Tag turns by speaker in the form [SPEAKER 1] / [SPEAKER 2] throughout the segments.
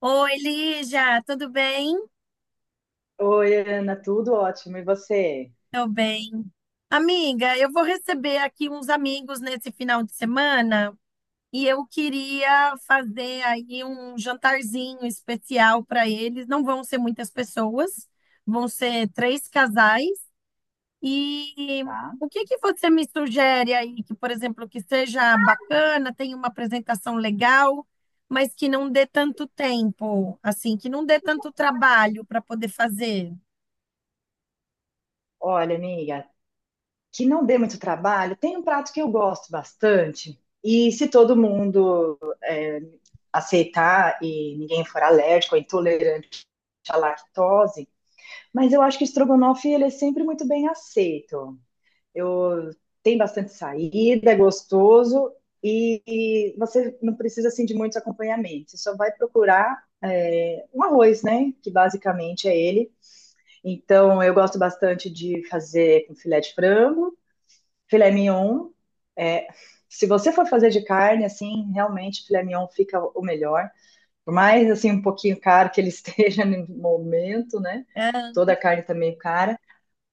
[SPEAKER 1] Oi, Lígia, tudo bem?
[SPEAKER 2] Oi, Ana, tudo ótimo. E você?
[SPEAKER 1] Tô bem. Amiga, eu vou receber aqui uns amigos nesse final de semana e eu queria fazer aí um jantarzinho especial para eles. Não vão ser muitas pessoas, vão ser três casais. E
[SPEAKER 2] Tá?
[SPEAKER 1] o que que você me sugere aí que, por exemplo, que seja bacana, tenha uma apresentação legal, mas que não dê tanto tempo, assim, que não dê tanto trabalho para poder fazer?
[SPEAKER 2] Olha, amiga, que não dê muito trabalho, tem um prato que eu gosto bastante. E se todo mundo aceitar e ninguém for alérgico ou intolerante à lactose, mas eu acho que o estrogonofe ele é sempre muito bem aceito. Eu tem bastante saída, é gostoso e, e você não precisa assim de muitos acompanhamentos. Você só vai procurar é, um arroz, né? Que basicamente é ele. Então, eu gosto bastante de fazer com filé de frango, filé mignon. É, se você for fazer de carne, assim, realmente filé mignon fica o melhor. Por mais, assim, um pouquinho caro que ele esteja no momento, né? Toda a carne tá meio cara.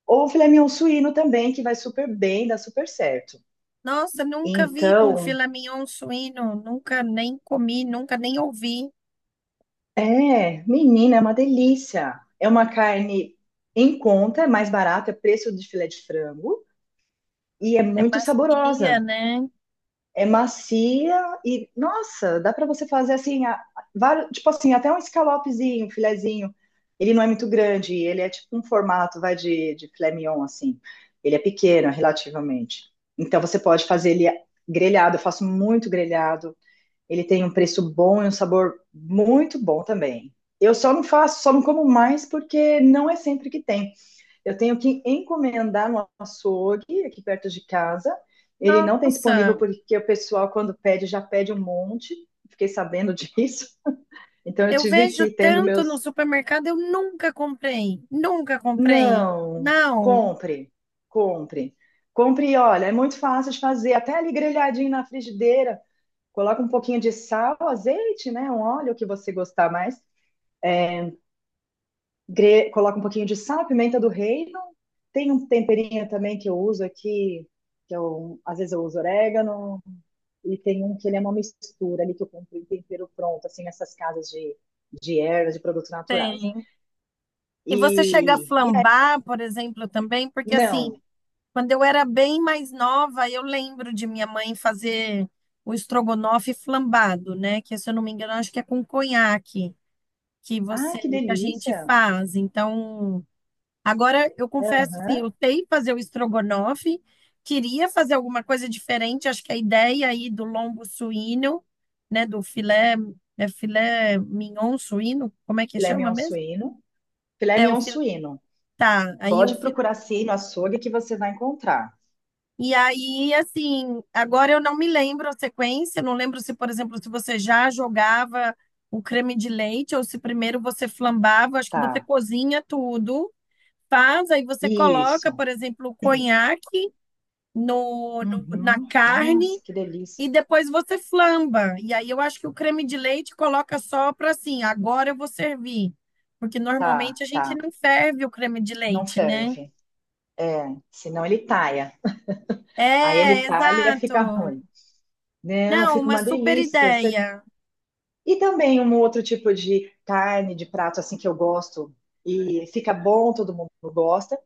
[SPEAKER 2] Ou filé mignon suíno também, que vai super bem, dá super certo.
[SPEAKER 1] Nossa, nunca vi com
[SPEAKER 2] Então,
[SPEAKER 1] filé mignon suíno, nunca nem comi, nunca nem ouvi.
[SPEAKER 2] é, menina, é uma delícia. É uma carne em conta, é mais barata, é preço de filé de frango e é
[SPEAKER 1] É
[SPEAKER 2] muito
[SPEAKER 1] macia,
[SPEAKER 2] saborosa.
[SPEAKER 1] né?
[SPEAKER 2] É macia e, nossa, dá para você fazer assim, tipo assim, até um escalopezinho, um filezinho. Ele não é muito grande, ele é tipo um formato, vai de filé mignon, assim. Ele é pequeno, relativamente. Então você pode fazer ele grelhado, eu faço muito grelhado. Ele tem um preço bom e um sabor muito bom também. Eu só não faço, só não como mais porque não é sempre que tem. Eu tenho que encomendar no açougue, aqui perto de casa. Ele não tem disponível
[SPEAKER 1] Nossa,
[SPEAKER 2] porque o pessoal, quando pede, já pede um monte. Fiquei sabendo disso. Então, eu
[SPEAKER 1] eu
[SPEAKER 2] tive que
[SPEAKER 1] vejo
[SPEAKER 2] ir tendo
[SPEAKER 1] tanto no
[SPEAKER 2] meus.
[SPEAKER 1] supermercado, eu nunca comprei, nunca comprei.
[SPEAKER 2] Não,
[SPEAKER 1] Não,
[SPEAKER 2] compre, compre. Compre, olha, é muito fácil de fazer. Até ali grelhadinho na frigideira. Coloca um pouquinho de sal, azeite, né? Um óleo que você gostar mais. Coloco um pouquinho de sal, pimenta do reino. Tem um temperinho também que eu uso aqui, que eu, às vezes eu uso orégano, e tem um que ele é uma mistura ali que eu compro em tempero pronto, assim, nessas casas de ervas, de produtos naturais.
[SPEAKER 1] tem. E você chega a
[SPEAKER 2] E
[SPEAKER 1] flambar, por exemplo, também, porque
[SPEAKER 2] não.
[SPEAKER 1] assim, quando eu era bem mais nova, eu lembro de minha mãe fazer o estrogonofe flambado, né? Que se eu não me engano, acho que é com conhaque que
[SPEAKER 2] Ai,
[SPEAKER 1] você,
[SPEAKER 2] que
[SPEAKER 1] que a gente
[SPEAKER 2] delícia!
[SPEAKER 1] faz. Então, agora, eu confesso, assim,
[SPEAKER 2] Aham.
[SPEAKER 1] eu sei fazer o estrogonofe, queria fazer alguma coisa diferente, acho que a ideia aí do lombo suíno, né, do filé, é filé mignon suíno, como é que
[SPEAKER 2] Filé
[SPEAKER 1] chama
[SPEAKER 2] mignon
[SPEAKER 1] mesmo?
[SPEAKER 2] suíno. Filé
[SPEAKER 1] É, o
[SPEAKER 2] mignon
[SPEAKER 1] filé,
[SPEAKER 2] suíno.
[SPEAKER 1] tá, aí o
[SPEAKER 2] Pode
[SPEAKER 1] filé.
[SPEAKER 2] procurar sim no açougue que você vai encontrar.
[SPEAKER 1] E aí, assim, agora eu não me lembro a sequência, não lembro se, por exemplo, se você já jogava o creme de leite ou se primeiro você flambava, acho que você
[SPEAKER 2] Tá.
[SPEAKER 1] cozinha tudo, faz, aí você coloca,
[SPEAKER 2] Isso.
[SPEAKER 1] por exemplo, o conhaque, na
[SPEAKER 2] Uhum.
[SPEAKER 1] carne
[SPEAKER 2] Nossa, que
[SPEAKER 1] e
[SPEAKER 2] delícia.
[SPEAKER 1] depois você flamba. E aí eu acho que o creme de leite coloca só para assim, agora eu vou servir. Porque
[SPEAKER 2] Tá,
[SPEAKER 1] normalmente a gente
[SPEAKER 2] tá.
[SPEAKER 1] não ferve o creme de
[SPEAKER 2] Não
[SPEAKER 1] leite, né?
[SPEAKER 2] ferve. É, senão ele talha. Aí ele
[SPEAKER 1] É,
[SPEAKER 2] talha, fica
[SPEAKER 1] exato.
[SPEAKER 2] ruim. Não,
[SPEAKER 1] Não,
[SPEAKER 2] fica
[SPEAKER 1] uma
[SPEAKER 2] uma
[SPEAKER 1] super
[SPEAKER 2] delícia. Você...
[SPEAKER 1] ideia.
[SPEAKER 2] E também um outro tipo de carne, de prato assim que eu gosto e fica bom, todo mundo gosta.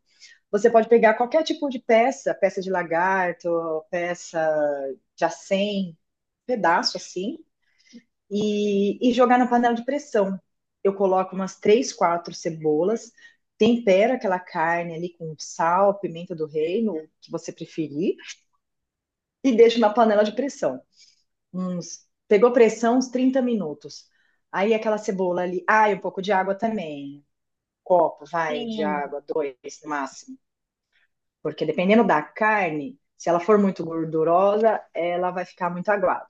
[SPEAKER 2] Você pode pegar qualquer tipo de peça, peça de lagarto, peça de acém, pedaço assim, e jogar na panela de pressão. Eu coloco umas três, quatro cebolas, tempero aquela carne ali com sal, pimenta do reino, o que você preferir. E deixo na panela de pressão. Uns, pegou pressão uns 30 minutos. Aí aquela cebola ali, ah, e um pouco de água também. Um copo, vai, de
[SPEAKER 1] Sim.
[SPEAKER 2] água, dois no máximo. Porque dependendo da carne, se ela for muito gordurosa, ela vai ficar muito aguada.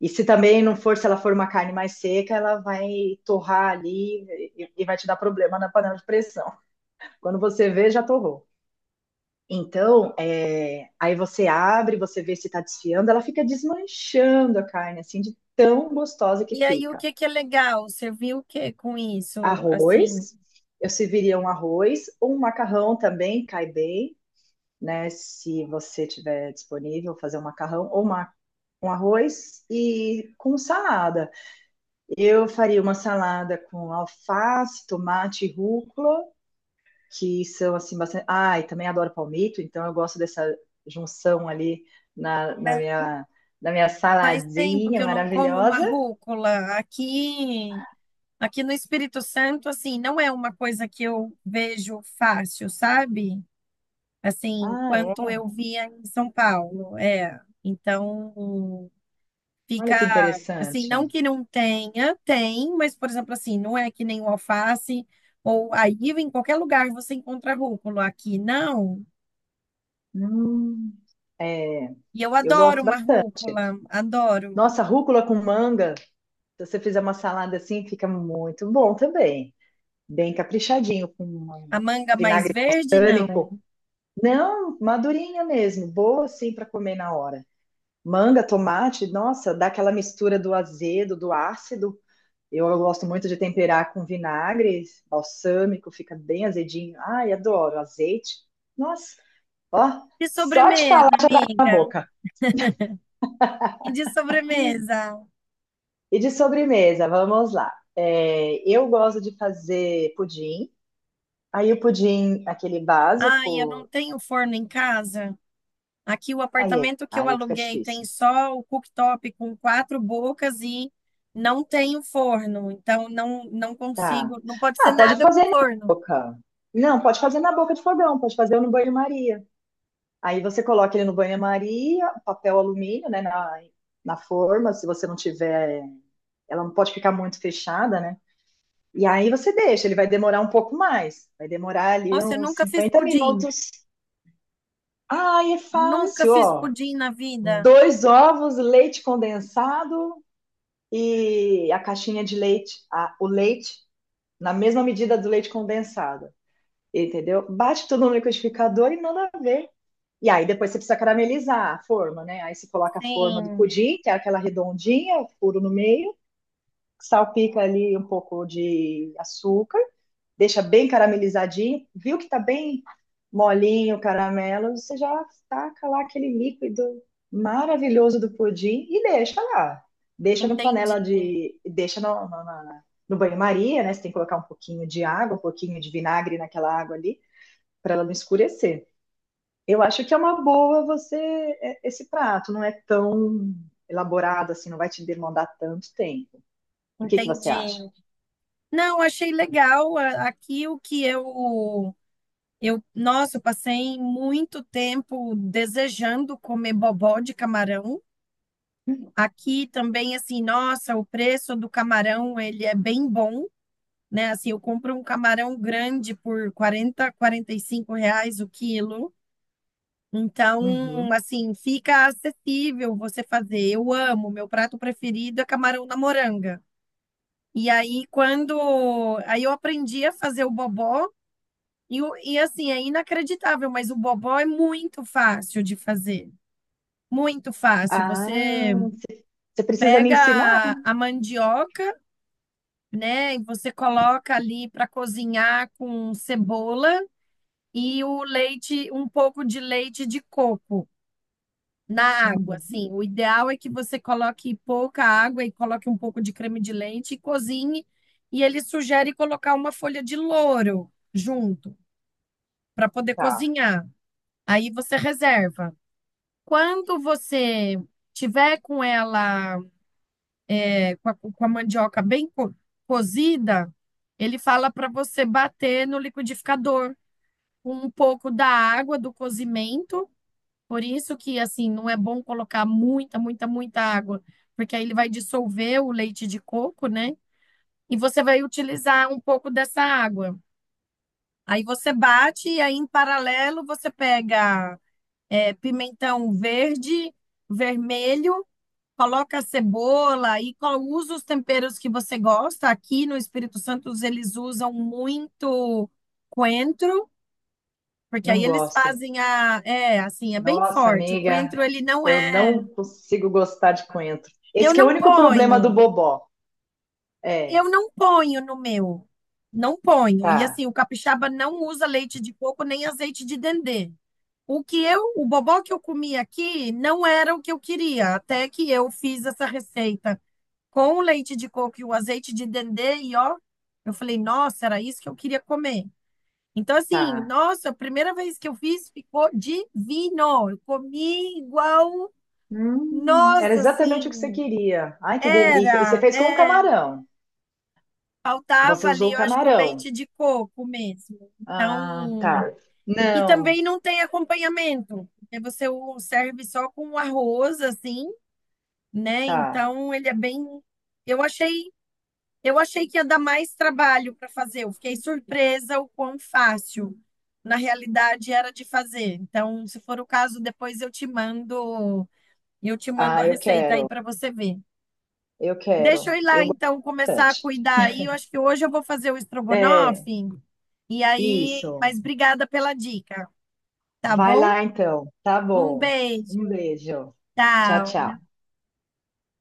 [SPEAKER 2] E se também não for, se ela for uma carne mais seca, ela vai torrar ali e vai te dar problema na panela de pressão. Quando você vê, já torrou. Então, é, aí você abre, você vê se está desfiando, ela fica desmanchando a carne, assim, de tão gostosa que
[SPEAKER 1] E aí o
[SPEAKER 2] fica.
[SPEAKER 1] que que é legal? Você viu o que com isso? Assim,
[SPEAKER 2] Arroz, eu serviria um arroz, um macarrão também cai bem, né? Se você tiver disponível, fazer um macarrão ou uma, um arroz e com salada. Eu faria uma salada com alface, tomate, rúcula que são assim bastante. Ah, e também adoro palmito, então eu gosto dessa junção ali na, na
[SPEAKER 1] é,
[SPEAKER 2] minha da minha
[SPEAKER 1] faz tempo que
[SPEAKER 2] saladinha
[SPEAKER 1] eu não como uma
[SPEAKER 2] maravilhosa.
[SPEAKER 1] rúcula aqui. Aqui no Espírito Santo, assim, não é uma coisa que eu vejo fácil, sabe? Assim,
[SPEAKER 2] Ah,
[SPEAKER 1] quanto
[SPEAKER 2] é?
[SPEAKER 1] eu via em São Paulo, é. Então, fica
[SPEAKER 2] Olha que
[SPEAKER 1] assim, não
[SPEAKER 2] interessante.
[SPEAKER 1] que não tenha, tem, mas por exemplo, assim, não é que nem o alface ou aí em qualquer lugar você encontra rúcula, aqui não.
[SPEAKER 2] Hum, é,
[SPEAKER 1] E eu
[SPEAKER 2] eu
[SPEAKER 1] adoro
[SPEAKER 2] gosto
[SPEAKER 1] uma
[SPEAKER 2] bastante.
[SPEAKER 1] rúcula, adoro.
[SPEAKER 2] Nossa, rúcula com manga, se você fizer uma salada assim, fica muito bom também. Bem caprichadinho, com
[SPEAKER 1] A
[SPEAKER 2] um
[SPEAKER 1] manga mais
[SPEAKER 2] vinagre
[SPEAKER 1] verde, não.
[SPEAKER 2] tâmico. Não, madurinha mesmo, boa assim para comer na hora. Manga, tomate, nossa, dá aquela mistura do azedo, do ácido. Eu gosto muito de temperar com vinagre, balsâmico, fica bem azedinho. Ai, adoro azeite. Nossa, ó,
[SPEAKER 1] De
[SPEAKER 2] só de falar
[SPEAKER 1] sobremesa,
[SPEAKER 2] na
[SPEAKER 1] amiga?
[SPEAKER 2] boca.
[SPEAKER 1] E de sobremesa?
[SPEAKER 2] E de sobremesa, vamos lá. É, eu gosto de fazer pudim. Aí o pudim, aquele
[SPEAKER 1] Ai, eu não
[SPEAKER 2] básico,
[SPEAKER 1] tenho forno em casa. Aqui o
[SPEAKER 2] aí, é,
[SPEAKER 1] apartamento que eu
[SPEAKER 2] aí fica
[SPEAKER 1] aluguei tem
[SPEAKER 2] difícil.
[SPEAKER 1] só o cooktop com quatro bocas e não tenho forno. Então não
[SPEAKER 2] Tá.
[SPEAKER 1] consigo, não pode ser
[SPEAKER 2] Ah, pode
[SPEAKER 1] nada com
[SPEAKER 2] fazer na
[SPEAKER 1] forno.
[SPEAKER 2] boca. Não, pode fazer na boca de fogão, pode fazer no banho-maria. Aí você coloca ele no banho-maria, papel alumínio, né, na forma, se você não tiver, ela não pode ficar muito fechada, né? E aí você deixa, ele vai demorar um pouco mais, vai demorar ali
[SPEAKER 1] Nossa, eu
[SPEAKER 2] uns
[SPEAKER 1] nunca fiz
[SPEAKER 2] 50
[SPEAKER 1] pudim.
[SPEAKER 2] minutos. Ai, é
[SPEAKER 1] Nunca
[SPEAKER 2] fácil,
[SPEAKER 1] fiz
[SPEAKER 2] ó.
[SPEAKER 1] pudim na vida.
[SPEAKER 2] Dois ovos, leite condensado e a caixinha de leite, o leite na mesma medida do leite condensado, entendeu? Bate tudo no liquidificador e manda ver. E aí depois você precisa caramelizar a forma, né? Aí você coloca a forma do
[SPEAKER 1] Sim,
[SPEAKER 2] pudim, que é aquela redondinha, furo no meio, salpica ali um pouco de açúcar, deixa bem caramelizadinho. Viu que tá bem molinho o caramelo, você já taca lá aquele líquido maravilhoso do pudim e deixa lá. Deixa no panela
[SPEAKER 1] entendi,
[SPEAKER 2] de. Deixa no banho-maria, né? Você tem que colocar um pouquinho de água, um pouquinho de vinagre naquela água ali, para ela não escurecer. Eu acho que é uma boa você é, esse prato, não é tão elaborado assim, não vai te demandar tanto tempo. O que que você acha?
[SPEAKER 1] entendi. Não, achei legal aqui o que eu, nossa, eu passei muito tempo desejando comer bobó de camarão. Aqui também, assim, nossa, o preço do camarão, ele é bem bom, né? Assim, eu compro um camarão grande por 40, 45 reais o quilo.
[SPEAKER 2] Uhum.
[SPEAKER 1] Então, assim, fica acessível você fazer. Eu amo, meu prato preferido é camarão na moranga. E aí, quando... aí eu aprendi a fazer o bobó. E, e assim, é inacreditável, mas o bobó é muito fácil de fazer. Muito fácil.
[SPEAKER 2] Ah,
[SPEAKER 1] Você
[SPEAKER 2] você você precisa me ensinar?
[SPEAKER 1] pega a mandioca, né? E você coloca ali para cozinhar com cebola e o leite, um pouco de leite de coco na água,
[SPEAKER 2] Uhum.
[SPEAKER 1] assim. O ideal é que você coloque pouca água e coloque um pouco de creme de leite e cozinhe. E ele sugere colocar uma folha de louro junto para poder
[SPEAKER 2] Tá,
[SPEAKER 1] cozinhar. Aí você reserva. Quando você tiver com ela com a mandioca bem cozida, ele fala para você bater no liquidificador com um pouco da água do cozimento. Por isso que, assim, não é bom colocar muita, muita, muita água, porque aí ele vai dissolver o leite de coco, né? E você vai utilizar um pouco dessa água. Aí você bate e aí, em paralelo, você pega é, pimentão verde, vermelho. Coloca a cebola e usa os temperos que você gosta. Aqui no Espírito Santo eles usam muito coentro, porque
[SPEAKER 2] não
[SPEAKER 1] aí eles
[SPEAKER 2] gosto.
[SPEAKER 1] fazem a, é, assim, é bem
[SPEAKER 2] Nossa,
[SPEAKER 1] forte. O
[SPEAKER 2] amiga,
[SPEAKER 1] coentro ele não
[SPEAKER 2] eu
[SPEAKER 1] é,
[SPEAKER 2] não consigo gostar de coentro.
[SPEAKER 1] eu
[SPEAKER 2] Esse que é o
[SPEAKER 1] não
[SPEAKER 2] único problema do
[SPEAKER 1] ponho.
[SPEAKER 2] bobó.
[SPEAKER 1] Eu
[SPEAKER 2] É,
[SPEAKER 1] não ponho no meu. Não ponho. E
[SPEAKER 2] tá,
[SPEAKER 1] assim, o capixaba não usa leite de coco nem azeite de dendê. O que eu, o bobó que eu comi aqui não era o que eu queria, até que eu fiz essa receita com o leite de coco e o azeite de dendê e ó, eu falei, nossa, era isso que eu queria comer. Então, assim,
[SPEAKER 2] tá.
[SPEAKER 1] nossa, a primeira vez que eu fiz ficou divino. Eu comi igual,
[SPEAKER 2] Era
[SPEAKER 1] nossa,
[SPEAKER 2] exatamente o que você
[SPEAKER 1] assim,
[SPEAKER 2] queria. Ai, que delícia. E você
[SPEAKER 1] era,
[SPEAKER 2] fez com o
[SPEAKER 1] é,
[SPEAKER 2] camarão. Você
[SPEAKER 1] faltava
[SPEAKER 2] usou
[SPEAKER 1] ali,
[SPEAKER 2] o
[SPEAKER 1] eu acho que o
[SPEAKER 2] camarão.
[SPEAKER 1] leite de coco mesmo.
[SPEAKER 2] Ah,
[SPEAKER 1] Então,
[SPEAKER 2] tá.
[SPEAKER 1] e
[SPEAKER 2] Não,
[SPEAKER 1] também não tem acompanhamento, porque você o serve só com arroz, assim, né?
[SPEAKER 2] tá.
[SPEAKER 1] Então, ele é bem. Eu achei Eu achei que ia dar mais trabalho para fazer. Eu fiquei surpresa o quão fácil, na realidade, era de fazer. Então, se for o caso, depois eu te mando a
[SPEAKER 2] Ah, eu
[SPEAKER 1] receita aí
[SPEAKER 2] quero,
[SPEAKER 1] para você ver.
[SPEAKER 2] eu
[SPEAKER 1] Deixa eu
[SPEAKER 2] quero,
[SPEAKER 1] ir lá,
[SPEAKER 2] eu gosto
[SPEAKER 1] então, começar a
[SPEAKER 2] bastante.
[SPEAKER 1] cuidar aí. Eu acho que hoje eu vou fazer o
[SPEAKER 2] É,
[SPEAKER 1] estrogonofe. E aí,
[SPEAKER 2] isso.
[SPEAKER 1] mas obrigada pela dica, tá
[SPEAKER 2] Vai
[SPEAKER 1] bom?
[SPEAKER 2] lá então, tá
[SPEAKER 1] Um
[SPEAKER 2] bom.
[SPEAKER 1] beijo.
[SPEAKER 2] Um beijo. Tchau,
[SPEAKER 1] Tchau.
[SPEAKER 2] tchau.